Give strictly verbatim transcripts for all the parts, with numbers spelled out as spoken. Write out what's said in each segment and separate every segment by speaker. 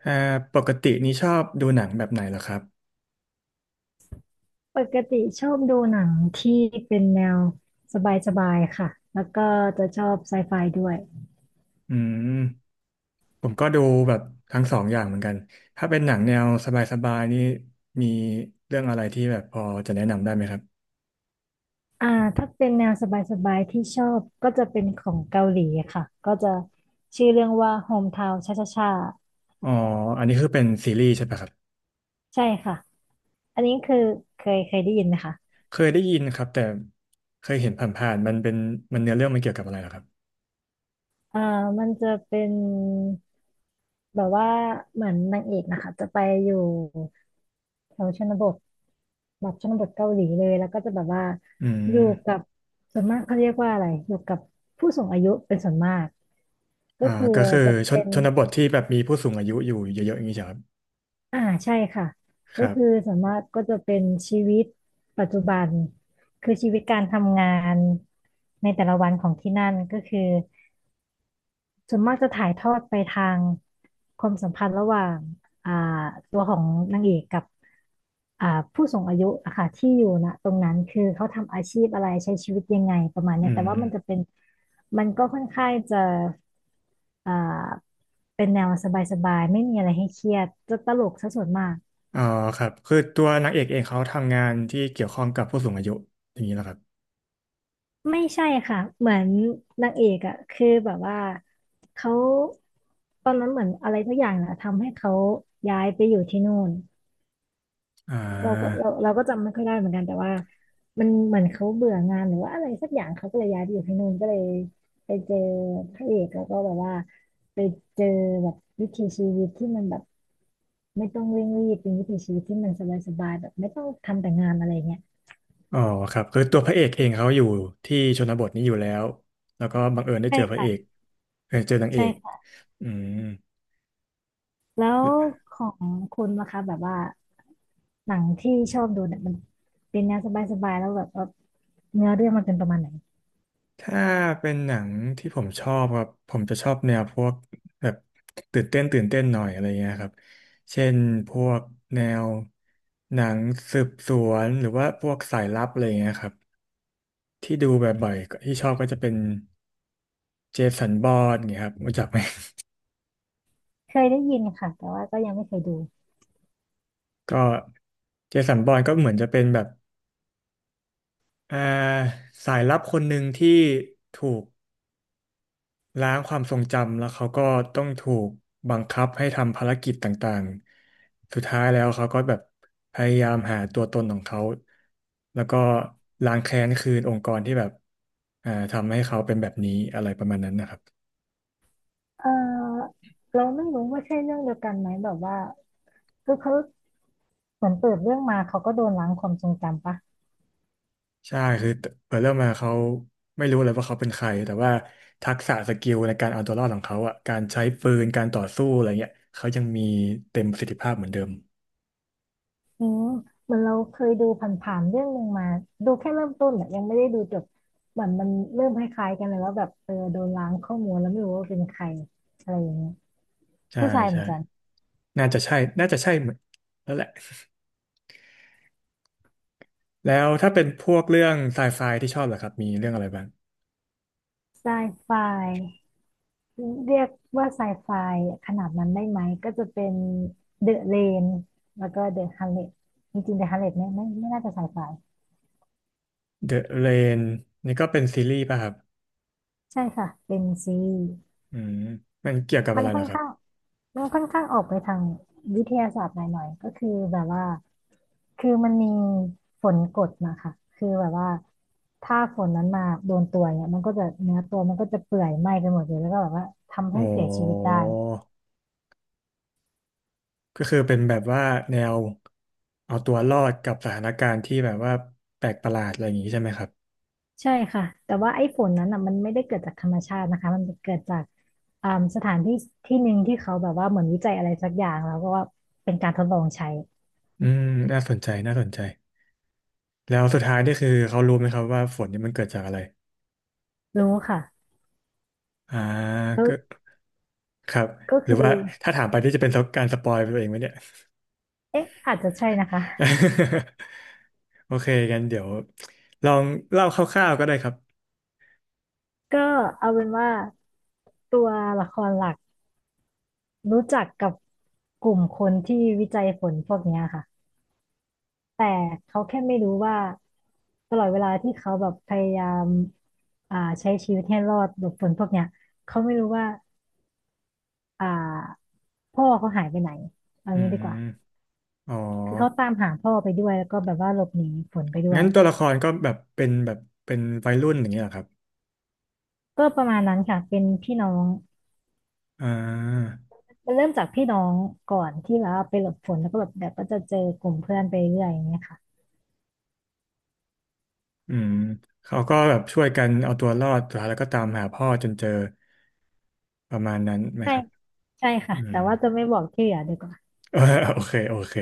Speaker 1: เอ่อปกตินี้ชอบดูหนังแบบไหนเหรอครับ
Speaker 2: ปกติชอบดูหนังที่เป็นแนวสบายๆค่ะ แล้วก็จะชอบไซไฟด้วย
Speaker 1: อืมผมก็ดูแบบทั้งสองอย่างเหมือนกัน ถ้าเป็นหนังแนวสบายๆนี่มีเรื่องอะไรที่แบบพอจะแนะนำได้ไหมครับ
Speaker 2: อ่าถ้าเป็นแนวสบายๆที่ชอบก็จะเป็นของเกาหลีค่ะ ก็จะชื่อเรื่องว่า โฮมทาวน์ ชาชาชา
Speaker 1: อ๋ออันนี้คือเป็นซีรีส์ใช่ปะครับ
Speaker 2: ใช่ค่ะ อันนี้คือเคยเคยได้ยินไหมคะ
Speaker 1: เคยได้ยินครับแต่เคยเห็นผ่านๆมันเป็นมันเนื้อเรื่องมันเกี่ยวกับอะไรเหรอครับ
Speaker 2: อ่ามันจะเป็นแบบว่าเหมือนนางเอกนะคะจะไปอยู่แถวชนบทแบบชนบทเกาหลีเลยแล้วก็จะแบบว่า
Speaker 1: อื
Speaker 2: อยู่กั
Speaker 1: ม
Speaker 2: บส่วนมากเขาเรียกว่าอะไรอยู่กับผู้สูงอายุเป็นส่วนมากก็
Speaker 1: อ่า
Speaker 2: คือ
Speaker 1: ก็คือ
Speaker 2: จะ
Speaker 1: ชน
Speaker 2: เป็น
Speaker 1: ชนบทที่แบบมีผู้สูงอายุอยู่เยอะๆอย่างนี้ใช่ครับ
Speaker 2: อ่าใช่ค่ะ
Speaker 1: ค
Speaker 2: ก็
Speaker 1: รับ
Speaker 2: คือส่วนมากก็จะเป็นชีวิตปัจจุบันคือชีวิตการทำงานในแต่ละวันของที่นั่นก็คือ ส่วนมากจะถ่ายทอดไปทางความสัมพันธ์ระหว่างอ่าตัวของนางเอกกับอ่าผู้สูงอายุอะค่ะที่อยู่นะตรงนั้นคือเขาทำอาชีพอะไรใช้ชีวิตยังไงประมาณ
Speaker 1: อื
Speaker 2: เนี้ยแต่
Speaker 1: ม
Speaker 2: ว่ามันจะเป็นมันก็ค่อนข้างจะอ่าเป็นแนวสบายๆไม่มีอะไรให้เครียดจะตลกซะส่วนมาก
Speaker 1: อ๋อครับคือตัวนางเอกเองเขาทำงานที่เกี่ยวข้องกับผู้สูงอายุอย่างนี้เหรอครับ
Speaker 2: ไม่ใช่ค่ะเหมือนนางเอกอะคือแบบว่าเขาตอนนั้นเหมือนอะไรสักอย่างนะทำให้เขาย้ายไปอยู่ที่นู่น
Speaker 1: อ่
Speaker 2: เราก็
Speaker 1: า
Speaker 2: เราเราก็จำไม่ค่อยได้เหมือนกันแต่ว่ามันเหมือนเขาเบื่องานหรือว่าอะไรสักอย่างเขาก็เลยย้ายไปอยู่ที่นู่นก็เลยไปเจอพระเอกแล้วก็แบบว่าไปเจอแบบวิถีชีวิตที่มันแบบไม่ต้องเร่งรีบเป็นวิถีชีวิตที่มันสบายๆแบบไม่ต้องทำแต่งานอะไรเงี้ย
Speaker 1: อ๋อครับคือตัวพระเอกเองเขาอยู่ที่ชนบทนี้อยู่แล้วแล้วก็บังเอิญได้
Speaker 2: ใช่
Speaker 1: เจอพระเอก
Speaker 2: ค่ะ
Speaker 1: เออเจอนางเอ
Speaker 2: ใช่
Speaker 1: ก
Speaker 2: ค่ะ
Speaker 1: อืม
Speaker 2: แล้วของคุณนะคะแบบว่าหนังที่ชอบดูเนี่ยมันเป็นแนวสบายๆแล้วแบบว่าเนื้อเรื่องมันเป็นประมาณไหน
Speaker 1: ถ้าเป็นหนังที่ผมชอบครับผมจะชอบแนวพวกแบบตื่นเต้นตื่นเต้นหน่อยอะไรเงี้ยครับเช่นพวกแนวหนังสืบสวนหรือว่าพวกสายลับอะไรเงี้ยครับที่ดูบ่อยๆที่ชอบก็จะเป็นเจสันบอนเงี้ยครับรู้จักไหม
Speaker 2: เคยได้ยินค่ะแต่ว่าก็ยังไม่เคยดู
Speaker 1: ก็เจสันบอนก็เหมือนจะเป็นแบบ อ่าสายลับคนหนึ่งที่ถูกล้างความทรงจำแล้วเขาก็ต้องถูกบังคับให้ทำภารกิจต่างๆ สุดท้ายแล้วเขาก็แบบพยายามหาตัวตนของเขาแล้วก็ล้างแค้นคืนองค์กรที่แบบอ่าทำให้เขาเป็นแบบนี้อะไรประมาณนั้นนะครับ
Speaker 2: เออเราไม่รู้ว่าใช่เรื่องเดียวกันไหมแบบว่าคือเขาเหมือนเปิดเรื่องมาเขาก็โดนล้างความทรงจำปะ
Speaker 1: ใช่คือเปิดเรื่องมาเขาไม่รู้เลยว่าเขาเป็นใครแต่ว่าทักษะสกิลในการเอาตัวรอดของเขาอ่ะการใช้ปืนการต่อสู้อะไรเงี้ยเขายังมีเต็มประสิทธิภาพเหมือนเดิม
Speaker 2: อืมเหมือนเราเคยดูผ่านๆเรื่องหนึ่งมาดูแค่เริ่มต้นอะยังไม่ได้ดูจบเหมือนมันเริ่มคล้ายๆกันเลยว่าแบบเออโดนล้างข้อมูลแล้วไม่รู้ว่าเป็นใครอะไรอย่างเงี้ย
Speaker 1: ใช่
Speaker 2: ผู้ชายเหมือ
Speaker 1: ใช่
Speaker 2: นกัน
Speaker 1: น่าจะใช่ น่าจะใช่เหมือนแล้วแหละแล้วถ้าเป็นพวกเรื่องไซไฟที่ชอบเหรอครับมีเรื่องอะไรบ้าง
Speaker 2: ไซไฟเรียกว่าไซไฟขนาดนั้นได้ไหมก็จะเป็นเดอะเลนแล้วก็เดอะฮันเลตจริงๆเดอะฮันเลตเนี่ยไม่ไม่น่าจะไซไฟ
Speaker 1: The Rain นี่ก็เป็นซีรีส์ป่ะครับ
Speaker 2: ใช่ค่ะเป็นซี
Speaker 1: อืมมันเกี่ยวกับ
Speaker 2: มั
Speaker 1: อะ
Speaker 2: น
Speaker 1: ไรเห
Speaker 2: ค่
Speaker 1: ร
Speaker 2: อ
Speaker 1: อ
Speaker 2: น
Speaker 1: ครับ
Speaker 2: ข้างมันค่อนข้างออกไปทางวิทยาศาสตร์หน่อยๆก็คือแบบว่าคือมันมีฝนกดมาค่ะคือแบบว่าถ้าฝนนั้นมาโดนตัวเนี่ยมันก็จะเนื้อตัวมันก็จะเปื่อยไหม้ไปหมดเลยแล้วก็แบบว่าทำ
Speaker 1: โอ้
Speaker 2: ให้เสียชีวิตได้
Speaker 1: ก็คือเป็นแบบว่าแนวเอาตัวรอดกับสถานการณ์ที่แบบว่าแปลกประหลาดอะไรอย่างนี้ใช่ไหมครับ
Speaker 2: ใช่ค่ะแต่ว่าไอ้ฝนนั้นอ่ะมันไม่ได้เกิดจากธรรมชาตินะคะมันเกิดจากอ่าสถานที่ที่หนึ่งที่เขาแบบว่าเหมือนวิจัยอะไรสักอย่างแล้วก็ว่าเป็นการทดลองใช้
Speaker 1: อืมน่าสนใจน่าสนใจ แล้วสุดท้ายนี่คือเขารู้ไหมครับว่าฝนนี่มันเกิดจากอะไร
Speaker 2: รู้ค่ะ
Speaker 1: อ่า
Speaker 2: ก็
Speaker 1: ก็ครับ
Speaker 2: ก็
Speaker 1: หรื
Speaker 2: คื
Speaker 1: อ
Speaker 2: อ
Speaker 1: ว่าถ้าถามไปที่จะเป็นการสปอยไปตัวเองไหมเนี่ย
Speaker 2: เอ๊ะอาจจะใช่นะคะ
Speaker 1: โอเคกันเดี๋ยวลองเล่าคร่าวๆก็ได้ครับ
Speaker 2: ก็เอาเป็นว่าตัวละครหลักรู้จักกับกลุ่มคนที่วิจัยฝนพวกเนี้ยค่ะแต่เขาแค่ไม่รู้ว่าตลอดเวลาที่เขาแบบพยายามอ่าใช้ชีวิตให้รอดหลบฝนพวกเนี้ยเขาไม่รู้ว่าอ่าพ่อเขาหายไปไหนเอา
Speaker 1: อื
Speaker 2: งี้ดีกว่า
Speaker 1: มอ๋อ
Speaker 2: คือเขาตามหาพ่อไปด้วยแล้วก็แบบว่าหลบหนีฝนไปด้ว
Speaker 1: งั้
Speaker 2: ย
Speaker 1: นตัวละครก็แบบเป็นแบบเป็นวัยรุ่นอย่างเงี้ยเหรอครับ
Speaker 2: ก็ประมาณนั้นค่ะเป็นพี่น้อง
Speaker 1: อ่า
Speaker 2: มันเริ่มจากพี่น้องก่อนที่แบบว่าไปหลบฝนแล้วก็แบบเดี๋ยวก็จะเจอกลุ่มเพื่อนไปเรื่อยอย่างเงี้ยค่ะ
Speaker 1: อืมเขาก็แบบช่วยกันเอาตัวรอดสุดท้ายแล้วก็ตามหาพ่อจนเจอประมาณนั้นไหม
Speaker 2: ใช่
Speaker 1: ครับ
Speaker 2: ใช่ค่ะ
Speaker 1: อื
Speaker 2: แต่
Speaker 1: ม
Speaker 2: ว่าจะไม่บอกที่เหลือดีกว่า
Speaker 1: โอเคโอเค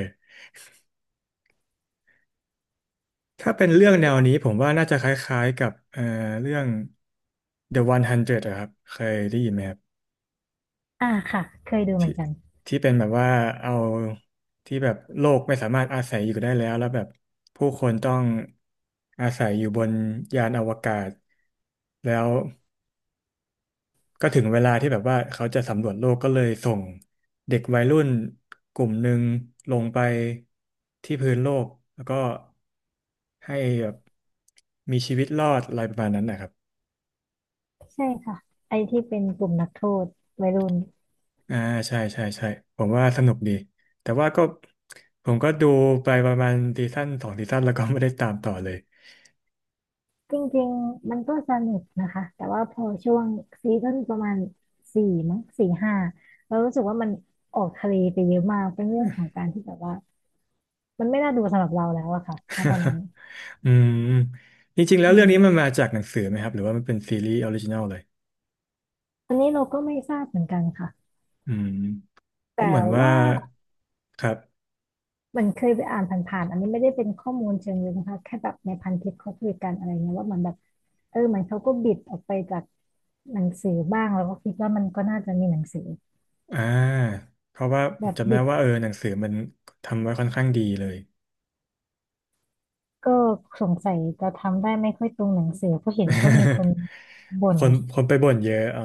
Speaker 1: ถ้าเป็นเรื่องแนวนี้ผมว่าน่าจะคล้ายๆกับเอ่อเรื่อง The หนึ่งร้อยอยอะครับเคยได้ยินไหมครับ
Speaker 2: อ่าค่ะเคยดูเหมื
Speaker 1: ที่
Speaker 2: อนกัน
Speaker 1: ที่เป็นแบบว่าเอาที่แบบโลกไม่สามารถอาศัยอยู่ได้แล้วแล้วแบบผู้คนต้องอาศัยอยู่บนยานอวกาศแล้วก็ถึงเวลาที่แบบว่าเขาจะสำรวจโลกก็เลยส่งเด็กวัยรุ่นกลุ่มหนึ่งลงไปที่พื้นโลกแล้วก็ให้แบบมีชีวิตรอดอะไรประมาณนั้นนะครับ
Speaker 2: ใช่ค่ะไอที่เป็นกลุ่มนักโทษวัยรุ่น
Speaker 1: อ่าใช่ใช่ใช่ผมว่าสนุกดีแต่ว่าก็ผมก็ดูไปประมาณซีซั่นสองซีซั่นแล้วก็ไม่ได้ตามต่อเลย
Speaker 2: จริงๆมันก็สนุกนะคะแต่ว่าพอช่วงซีซั่นประมาณสี่มั้งสี่ห้าเรารู้สึกว่ามันออกทะเลไปเยอะมากเป็นเรื่องของการที่แบบว่ามันไม่น่าดูสำหรับเราแล้วอะค่ะณตอนนั้น
Speaker 1: อืมจริงๆแล้ว
Speaker 2: อื
Speaker 1: เรื่องนี้มั
Speaker 2: ม
Speaker 1: นมาจากหนังสือไหมครับหรือว่ามันเป็นซีรีส์ออริจินอลเลย
Speaker 2: อันนี้เราก็ไม่ทราบเหมือนกันค่ะ
Speaker 1: อืม
Speaker 2: แต่
Speaker 1: ก็เหมือนว่า
Speaker 2: ว่า
Speaker 1: ครับ
Speaker 2: มันเคยไปอ่านผ่านๆอันนี้ไม่ได้เป็นข้อมูลเชิงลึกนะคะแค่แบบในพันทิปเขาคุยกันอะไรเงี้ยว่ามันแบบเออเหมันเขาก็บิดออกไปจากหนังสือบ้างแล้วก็คิดว่ามันก็น่าจะมีหนังสือ
Speaker 1: อ่าเพราะว่าผ
Speaker 2: แบ
Speaker 1: ม
Speaker 2: บ
Speaker 1: จำได้
Speaker 2: บิด
Speaker 1: ว่าเออหนังสือมันทำไว้ค่อนข้างดีเลย
Speaker 2: ก็สงสัยจะทำได้ไม่ค่อยตรงหนังสือเพราะเห็นก็มีคน บ่
Speaker 1: ค
Speaker 2: น
Speaker 1: นคนไปบ่นเยอะอ๋อ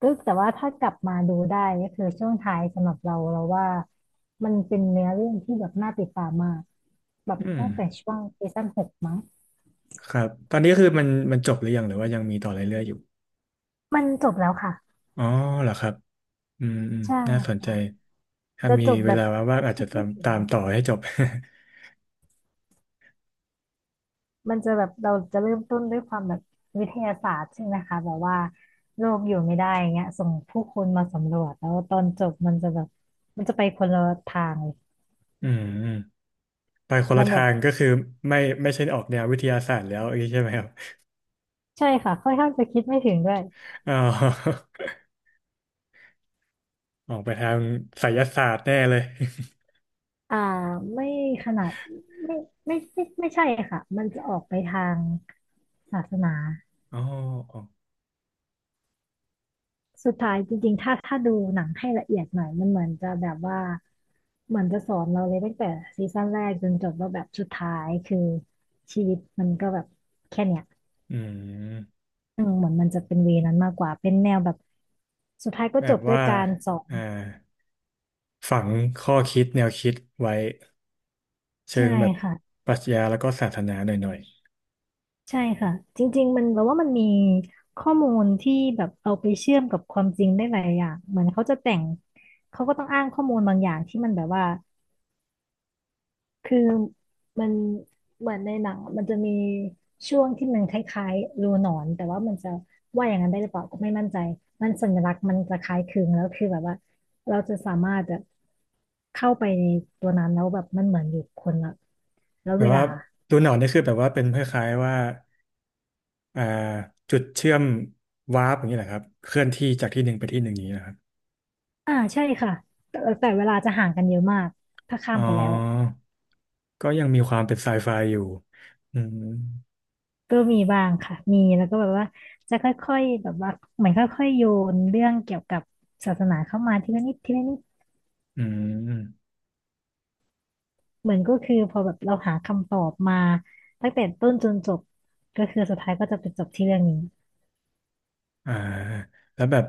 Speaker 2: ก็แต่ว่าถ้ากลับมาดูได้ก็คือช่วงท้ายสำหรับเราเราว่ามันเป็นเนื้อเรื่องที่แบบน่าติดตามมากแบบ
Speaker 1: อื
Speaker 2: ตั้งแต่
Speaker 1: ม
Speaker 2: ช่วงซีซั่นหกมั้ง
Speaker 1: ครับตอนนี้คือมันมันจบหรือยังหรือว่ายังมีต่อเรื่อยๆอยู่
Speaker 2: มันจบแล้วค่ะ
Speaker 1: อ๋อเหรอครับ อืมอืม
Speaker 2: ใช่
Speaker 1: น่าสนใจ ถ้า
Speaker 2: จะ
Speaker 1: มี
Speaker 2: จบ
Speaker 1: เว
Speaker 2: แบบ
Speaker 1: ลาว่างๆอาจ
Speaker 2: คิ
Speaker 1: จะ
Speaker 2: ด
Speaker 1: ตา
Speaker 2: ไม่
Speaker 1: ม
Speaker 2: ถึง
Speaker 1: ตามต่อให้จบ
Speaker 2: มันจะแบบเราจะเริ่มต้นด้วยความแบบวิทยาศาสตร์ใช่ไหมคะแบบว่าโลกอยู่ไม่ได้อย่างเงี้ยส่งผู้คนมาสำรวจแล้วตอนจบมันจะแบบมันจะไปคนละทางเลย
Speaker 1: อืมอืมไปคน
Speaker 2: มั
Speaker 1: ละ
Speaker 2: นแบ
Speaker 1: ทา
Speaker 2: บ
Speaker 1: งก็คือไม่ไม่ใช่ออกแนววิทยาศาสตร์แล้วอย่างนี้ใช่ไหมครับ
Speaker 2: ใช่ค่ะค่อนข้างจะคิดไม่ถึงด้วย
Speaker 1: อ๋อ ออกไปทางไสยศาสตร์แน่เลย
Speaker 2: อ่าไม่ขนาดไม่ไม่ไม่ไม่ใช่ค่ะมันจะออกไปทางศาสนา
Speaker 1: อ๋ออ๋อ
Speaker 2: สุดท้ายจริงๆถ้าถ้าดูหนังให้ละเอียดหน่อยมันเหมือนจะแบบว่าเหมือนจะสอนเราเลยตั้งแต่ซีซั่นแรกจนจบว่าแบบสุดท้ายคือชีวิตมันก็แบบแค่เนี้ย
Speaker 1: อืม
Speaker 2: อืมเหมือนมันจะเป็นเวนั้นมากกว่าเป็นแนวแบบสุดท้ายก็
Speaker 1: แบ
Speaker 2: จ
Speaker 1: บ
Speaker 2: บด้วย
Speaker 1: ว่า
Speaker 2: การสอน
Speaker 1: อ่าฝังข้อคิดแนวคิดไว้เชิ
Speaker 2: ใช่
Speaker 1: งแบบ
Speaker 2: ค่ะ
Speaker 1: ปรัชญาแล้วก็ศาสนาหน่อย
Speaker 2: ใช่ค่ะจริงๆมันแปลว่ามันมีข้อมูลที่แบบเอาไปเชื่อมกับความจริงได้หลายอย่างเหมือนเขาจะแต่งเขาก็ต้องอ้างข้อมูลบางอย่างที่มันแบบว่า คือมันเหมือนในหนังอะมันจะมีช่วงที่มันคล้ายๆรูหนอนแต่ว่ามันจะว่าอย่างนั้นได้หรือเปล่าก็ไม่มั่นใจมันสัญลักษณ์มันจะคล้ายคลึงแล้วคือแบบว่าเราจะสามารถแบบเข้าไปในตัวนั้นแล้วแบบมันเหมือนอยู่คนละแล้ว
Speaker 1: ๆแบ
Speaker 2: เว
Speaker 1: บ
Speaker 2: ลา
Speaker 1: ว่าดูหนอนนี่คือแบบว่าเป็นคล้ายๆว่า อ่าจุดเชื่อมวาร์ปอย่างนี้แหละครับเคลื่อนที่จากที่หนึ่งไปที่หนึ่งอย่างนี้นะครับ
Speaker 2: อ่าใช่ค่ะแต่แต่เวลาจะห่างกันเยอะมากถ้าข้า
Speaker 1: อ๋
Speaker 2: ม
Speaker 1: อ
Speaker 2: ไปแล้วอะ
Speaker 1: ก็ยังมีความเป็นไซไฟอยู่อืม
Speaker 2: ก็มีบ้างค่ะมีแล้วก็แบบว่าจะค่อยๆแบบว่าเหมือนค่อยๆโยนเรื่องเกี่ยวกับศาสนาเข้ามาทีละนิดทีละนิด
Speaker 1: อืม
Speaker 2: เหมือนก็คือพอแบบเราหาคำตอบมาตั้งแต่ต้นจนจบก็คือสุดท้ายก็จะไปจบที่เรื่องนี้
Speaker 1: อ่าแล้วแบบ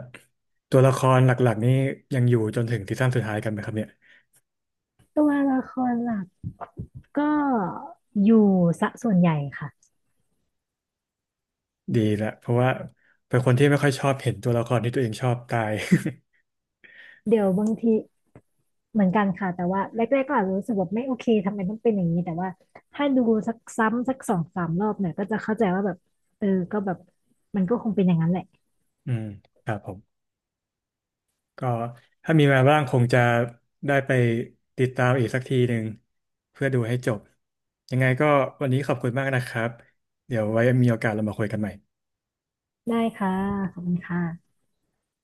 Speaker 1: ตัวละครหลักๆนี่ยังอยู่จนถึงซีซั่นสุดท้ายกันไหมครับเนี่ย
Speaker 2: ตัวละครหลักก็อยู่ซะส่วนใหญ่ค่ะ
Speaker 1: ดีละเพราะว่าเป็นคนที่ไม่ค่อยชอบเห็นตัวละครที่ตัวเองชอบตาย
Speaker 2: เดี๋ยวบางทีเหมือนกันค่ะแต่ว่าแรกๆก็อาจจะรู้สึกแบบไม่โอเคทำไมต้องเป็นอย่างนี้แต่ว่าถ้าดูสักซ้ำสักสองสามรอบเนี่ยก็จะเข้าใจว่าแบบเออก็แบบมันก็คงเป็นอย่างนั้นแหละ
Speaker 1: อืมครับผม ก็ถ้ามีเวลาว่างคงจะได้ไปติดตามอีกสักทีหนึ่งเพื่อดูให้จบยังไงก็วันนี้ขอบคุณมากนะครับเดี๋ยวไว้มีโอกาสเรามาคุยกันใหม่
Speaker 2: ได้ค่ะขอบคุณค่ะ